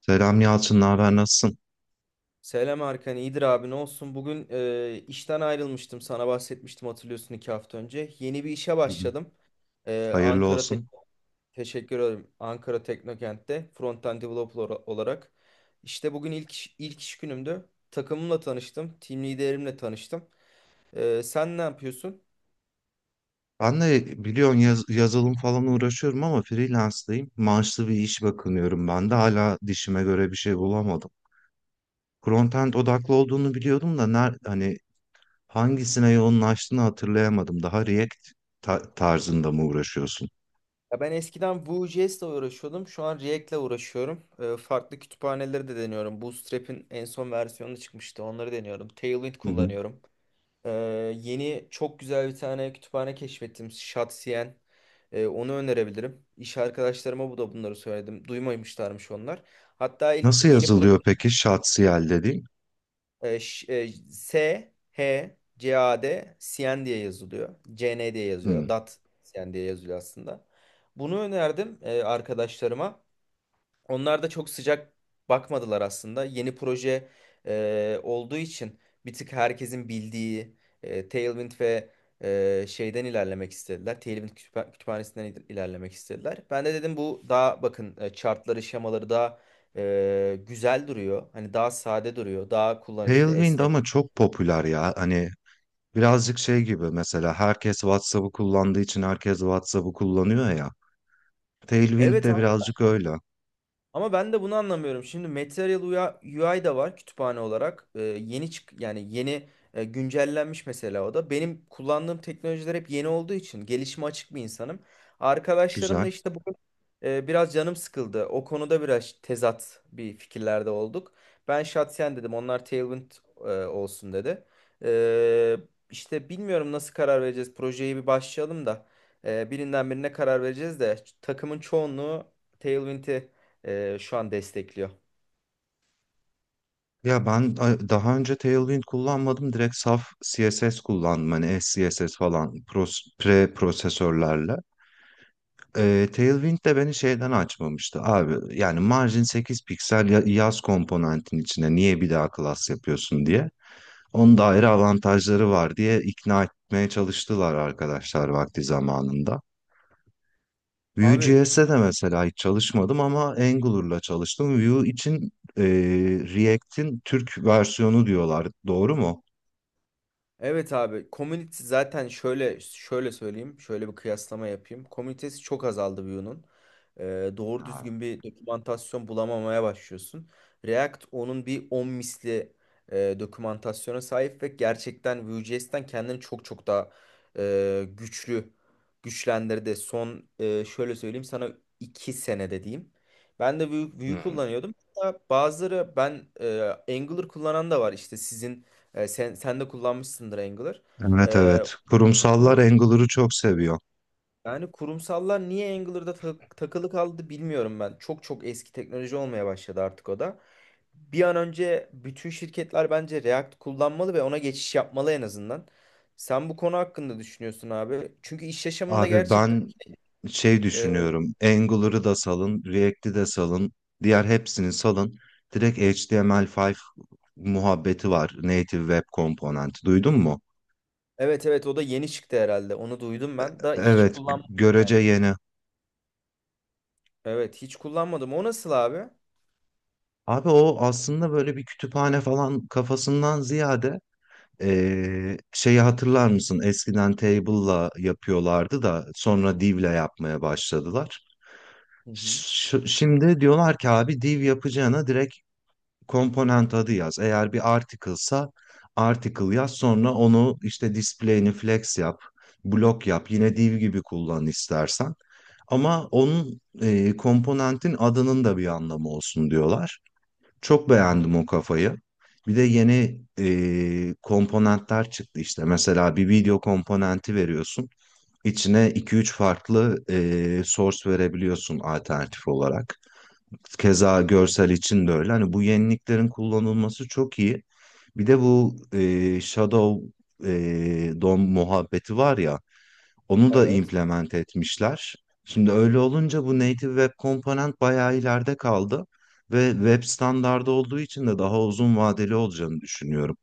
Selam Yalçın, ne haber, nasılsın? Selam Erkan, iyidir abi ne olsun. Bugün işten ayrılmıştım, sana bahsetmiştim hatırlıyorsun 2 hafta önce. Yeni bir işe Hı hı. başladım. E, Hayırlı Ankara Tek- olsun. Teşekkür ederim. Ankara Teknokent'te front-end olarak. İşte bugün ilk iş günümdü. Takımımla tanıştım, team liderimle tanıştım. Sen ne yapıyorsun? Ben de biliyorsun yazılım falan uğraşıyorum ama freelance'dayım. Maaşlı bir iş bakınıyorum ben de hala dişime göre bir şey bulamadım. Frontend odaklı olduğunu biliyordum da hani hangisine yoğunlaştığını hatırlayamadım. Daha React tarzında mı uğraşıyorsun? Ya ben eskiden Vue.js ile uğraşıyordum. Şu an React'le uğraşıyorum. Farklı kütüphaneleri de deniyorum. Bootstrap'in en son versiyonu çıkmıştı. Onları deniyorum. Tailwind Hı hı. kullanıyorum. Ee, Yeni çok güzel bir tane kütüphane keşfettim. Şatsiyen. Onu önerebilirim. İş arkadaşlarıma bu da bunları söyledim. Duymamışlarmış onlar. Hatta ilk Nasıl yeni proje yazılıyor peki Şatsiyel dediğin? e, ş- e, S H C A D Sien diye yazılıyor. CN diye yazıyor. Hı. Dat Sien diye yazılıyor aslında. Bunu önerdim arkadaşlarıma. Onlar da çok sıcak bakmadılar aslında. Yeni olduğu için bir tık herkesin Tailwind şeyden ilerlemek istediler. Tailwind kütüphanesinden ilerlemek istediler. Ben de dedim bu daha chartları, şemaları güzel duruyor. Hani daha sade duruyor, daha kullanışlı, Tailwind esnek. ama çok popüler ya. Hani birazcık şey gibi mesela herkes WhatsApp'ı kullandığı için herkes WhatsApp'ı kullanıyor ya. Tailwind Evet. de birazcık öyle. Ama ben de bunu anlamıyorum. Şimdi Material UI da var kütüphane olarak. Yeni çık yani güncellenmiş mesela o da. Benim kullandığım teknolojiler hep yeni olduğu için gelişime açık bir insanım. Arkadaşlarım da Güzel. işte biraz canım sıkıldı. O konuda biraz tezat bir fikirlerde olduk. Ben Shatsen dedim. Onlar olsun dedi. Ee, işte bilmiyorum nasıl karar vereceğiz. Projeye bir başlayalım birinden birine karar vereceğiz de takımın çoğunluğu Tailwind'i şu an destekliyor. Ya ben daha önce Tailwind kullanmadım. Direkt saf CSS kullandım. Hani SCSS falan pre-prosesörlerle. Tailwind de beni şeyden açmamıştı. Abi yani margin 8 piksel yaz komponentin içine niye bir daha class yapıyorsun diye. Onun da ayrı avantajları var diye ikna etmeye çalıştılar arkadaşlar vakti zamanında. Abi. Vue.js'e de mesela hiç çalışmadım ama Angular'la çalıştım. Vue için e, React'in Türk versiyonu diyorlar. Doğru mu? Evet abi, community zaten şöyle söyleyeyim, şöyle bir kıyaslama yapayım. Komünitesi çok azaldı Vue'nun. Doğru Ha. düzgün bir dokümantasyon bulamamaya başlıyorsun. React onun bir 10 dokümantasyona sahip ve gerçekten Vue.js'ten kendini çok çok güçlü güçlendirdi. Şöyle söyleyeyim sana, 2 senede diyeyim. Ben de Vue Hmm. kullanıyordum. Hatta Angular kullanan da var işte sen de kullanmışsındır Angular. Evet, E, evet. Kurumsallar Angular'ı çok seviyor. Yani kurumsallar niye Angular'da takılı kaldı bilmiyorum ben. Çok çok eski teknoloji olmaya başladı artık o da. Bir an önce bütün şirketler bence React kullanmalı ve ona geçiş yapmalı en azından. Sen bu konu hakkında düşünüyorsun abi. Çünkü iş yaşamında Abi ben şey e, düşünüyorum. Angular'ı da salın, React'i de salın, diğer hepsini salın. Direkt HTML5 muhabbeti var. Native Web Component. Duydun mu? evet, evet o da yeni çıktı herhalde. Onu duydum ben. Da hiç Evet, kullanmadım yani. görece yeni. Evet hiç kullanmadım. O nasıl abi? Abi o aslında böyle bir kütüphane falan kafasından ziyade şeyi hatırlar mısın? Eskiden Table'la yapıyorlardı da sonra Div'le yapmaya başladılar. Hı hı. Şimdi diyorlar ki abi Div yapacağına direkt komponent adı yaz. Eğer bir article'sa article yaz sonra onu işte display'ini flex yap, block yap. Yine Div gibi kullan istersen. Ama onun komponentin adının da bir anlamı olsun diyorlar. Çok Hı hı. beğendim o kafayı. Bir de yeni komponentler çıktı işte. Mesela bir video komponenti veriyorsun. İçine iki üç farklı source verebiliyorsun alternatif olarak. Keza görsel için de öyle. Hani bu yeniliklerin kullanılması çok iyi. Bir de bu Shadow DOM muhabbeti var ya. Onu da Evet. implement etmişler. Şimdi öyle olunca bu native web komponent bayağı ileride kaldı ve web standardı olduğu için de daha uzun vadeli olacağını düşünüyorum.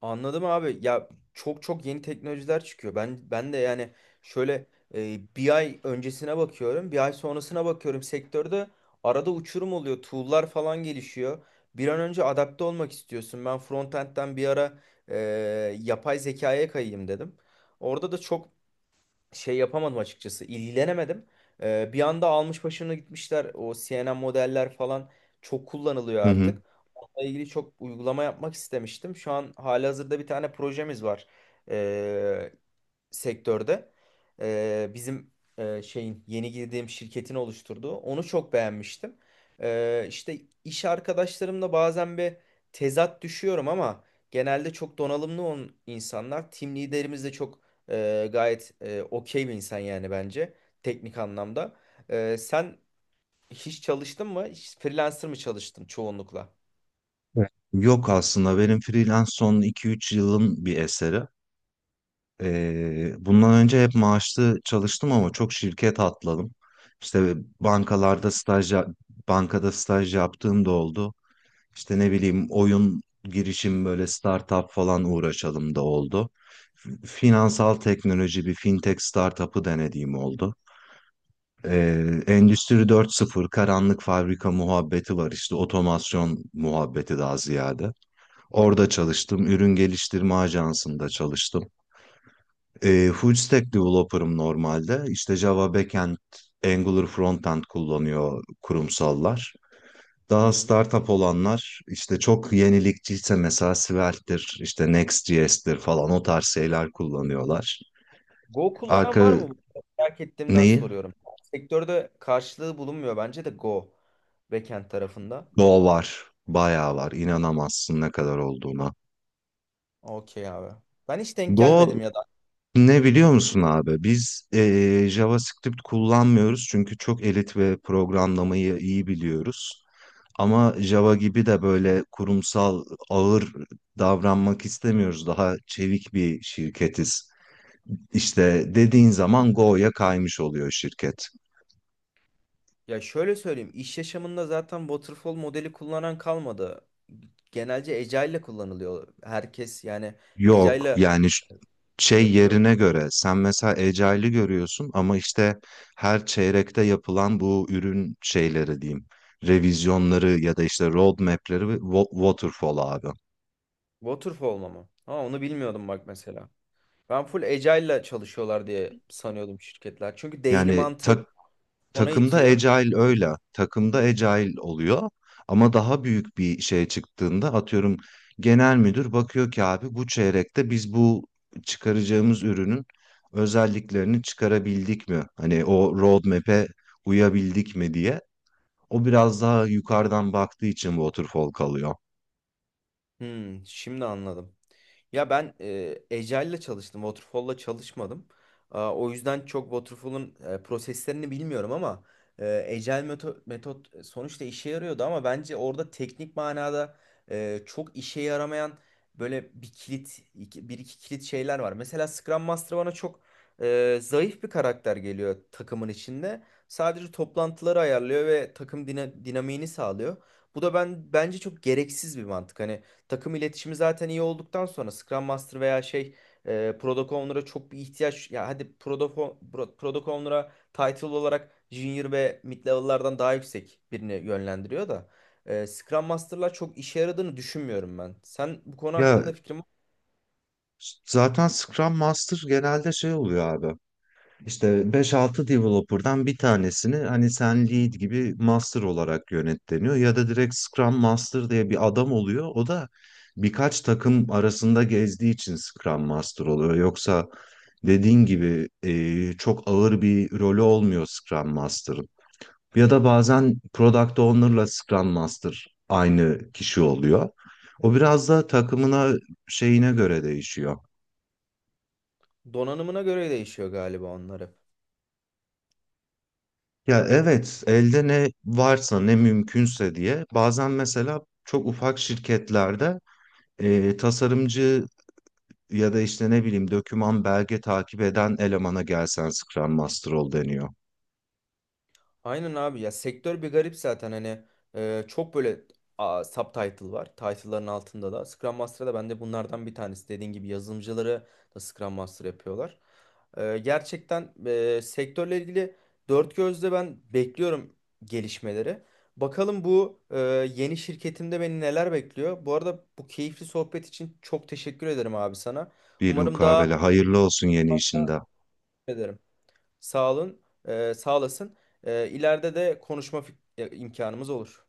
Anladım abi. Ya çok çok yeni teknolojiler çıkıyor. Ben de yani şöyle bir ay öncesine bakıyorum, bir ay sonrasına bakıyorum. Sektörde arada uçurum oluyor. Tool'lar falan gelişiyor. Bir an önce adapte olmak istiyorsun. Ben frontend'den bir e, yapay zekaya kayayım dedim. Orada da çok şey yapamadım açıkçası. İlgilenemedim. Bir anda almış başını gitmişler. O CNN modeller falan çok kullanılıyor Hı hı. artık. Onunla ilgili çok uygulama yapmak istemiştim. Şu an halihazırda bir tane projemiz var sektörde e, bizim e, şeyin, yeni girdiğim şirketin oluşturduğu, onu çok beğenmiştim. İşte iş arkadaşlarımla bazen bir tezat düşüyorum ama genelde çok donanımlı on insanlar. Team liderimiz de okey bir insan yani bence teknik anlamda. Sen hiç çalıştın mı? Hiç freelancer mı çalıştın çoğunlukla? Evet. Yok aslında benim freelance son iki üç yılın bir eseri. Bundan önce hep maaşlı çalıştım ama çok şirket atladım. İşte bankalarda staj yap- bankada staj yaptığım da oldu. İşte ne bileyim oyun girişim böyle startup falan uğraşalım da oldu. Finansal teknoloji bir fintech startup'ı denediğim oldu. Endüstri 4.0 karanlık fabrika muhabbeti var işte otomasyon muhabbeti daha ziyade. Orada çalıştım. Ürün geliştirme ajansında çalıştım. Full stack developer'ım normalde. İşte Java backend, Angular frontend kullanıyor kurumsallar. Daha startup olanlar işte çok yenilikçiyse mesela Svelte,'dir, işte Next.js'tir falan o tarz şeyler kullanıyorlar. Go kullanan Arka var mı? Merak ettiğimden Neyi? soruyorum. Sektörde karşılığı bulunmuyor bence de Go backend tarafında. Go var. Bayağı var. İnanamazsın ne kadar olduğuna. Okey abi. Ben hiç denk Go gelmedim ya da. ne biliyor musun abi? Biz JavaScript kullanmıyoruz çünkü çok elit ve programlamayı iyi biliyoruz. Ama Java gibi de böyle kurumsal ağır davranmak istemiyoruz. Daha çevik bir şirketiz. İşte dediğin zaman Go'ya kaymış oluyor şirket. Ya şöyle söyleyeyim, iş yaşamında zaten waterfall modeli kullanan kalmadı. Genelce Agile'le kullanılıyor. Herkes yani Yok Agile'le yani şey yapıyor. yerine göre sen mesela Agile'ı görüyorsun ama işte her çeyrekte yapılan bu ürün şeyleri diyeyim. Revizyonları ya da işte roadmap'leri ve waterfall abi. Waterfall mı? Ha onu bilmiyordum bak mesela. Ben full Agile'la çalışıyorlar diye sanıyordum şirketler. Çünkü daily Yani mantığı ona Takımda itiyor. agile öyle. Takımda agile oluyor. Ama daha büyük bir şeye çıktığında atıyorum genel müdür bakıyor ki abi bu çeyrekte biz bu çıkaracağımız ürünün özelliklerini çıkarabildik mi? Hani o roadmap'e uyabildik mi diye. O biraz daha yukarıdan baktığı için waterfall kalıyor. Hmm, şimdi anladım. Ya Agile'la çalıştım, Waterfall'la çalışmadım. Aa, o yüzden çok proseslerini bilmiyorum ama Agile metot, sonuçta işe yarıyordu ama bence orada teknik çok işe yaramayan böyle bir iki kilit şeyler var. Mesela Scrum Master bana zayıf bir karakter geliyor takımın içinde. Sadece toplantıları ayarlıyor ve takım dinamiğini sağlıyor. Bu da ben bence çok gereksiz bir mantık. Hani takım iletişimi zaten iyi olduktan sonra Scrum Master veya Product Owner'a çok bir ihtiyaç ya hadi Product Owner'a title olarak Junior ve Mid level'lardan daha yüksek birini yönlendiriyor Scrum Master'lar çok işe yaradığını düşünmüyorum ben. Sen bu konu Ya hakkında fikrin var zaten Scrum Master genelde şey oluyor abi. İşte beş-altı developer'dan bir tanesini hani sen lead gibi master olarak yönet deniyor ya da direkt Scrum Master diye bir adam oluyor. O da birkaç takım arasında gezdiği için Scrum Master oluyor. Yoksa dediğin gibi çok ağır bir rolü olmuyor Scrum Master'ın. Ya da bazen Product Owner'la Scrum Master aynı kişi oluyor. O biraz da takımına şeyine göre değişiyor. mı? Donanımına göre değişiyor galiba onları. Ya evet, elde ne varsa ne mümkünse diye bazen mesela çok ufak şirketlerde tasarımcı ya da işte ne bileyim doküman belge takip eden elemana gelsen Scrum Master ol deniyor. Aynen abi ya, sektör bir garip zaten hani e, çok böyle subtitle var. Title'ların altında da Scrum Master'da ben de bunlardan bir tanesi. Dediğin gibi yazılımcıları da Scrum Master yapıyorlar. Gerçekten sektörle ilgili dört gözle ben bekliyorum gelişmeleri. Bakalım yeni şirketimde beni neler bekliyor. Bu arada bu keyifli sohbet için çok teşekkür ederim abi sana. Bir Umarım daha mukabele hayırlı olsun yeni işinde. ederim. Sağ olun, sağ olasın. İleride de konuşma imkanımız olur.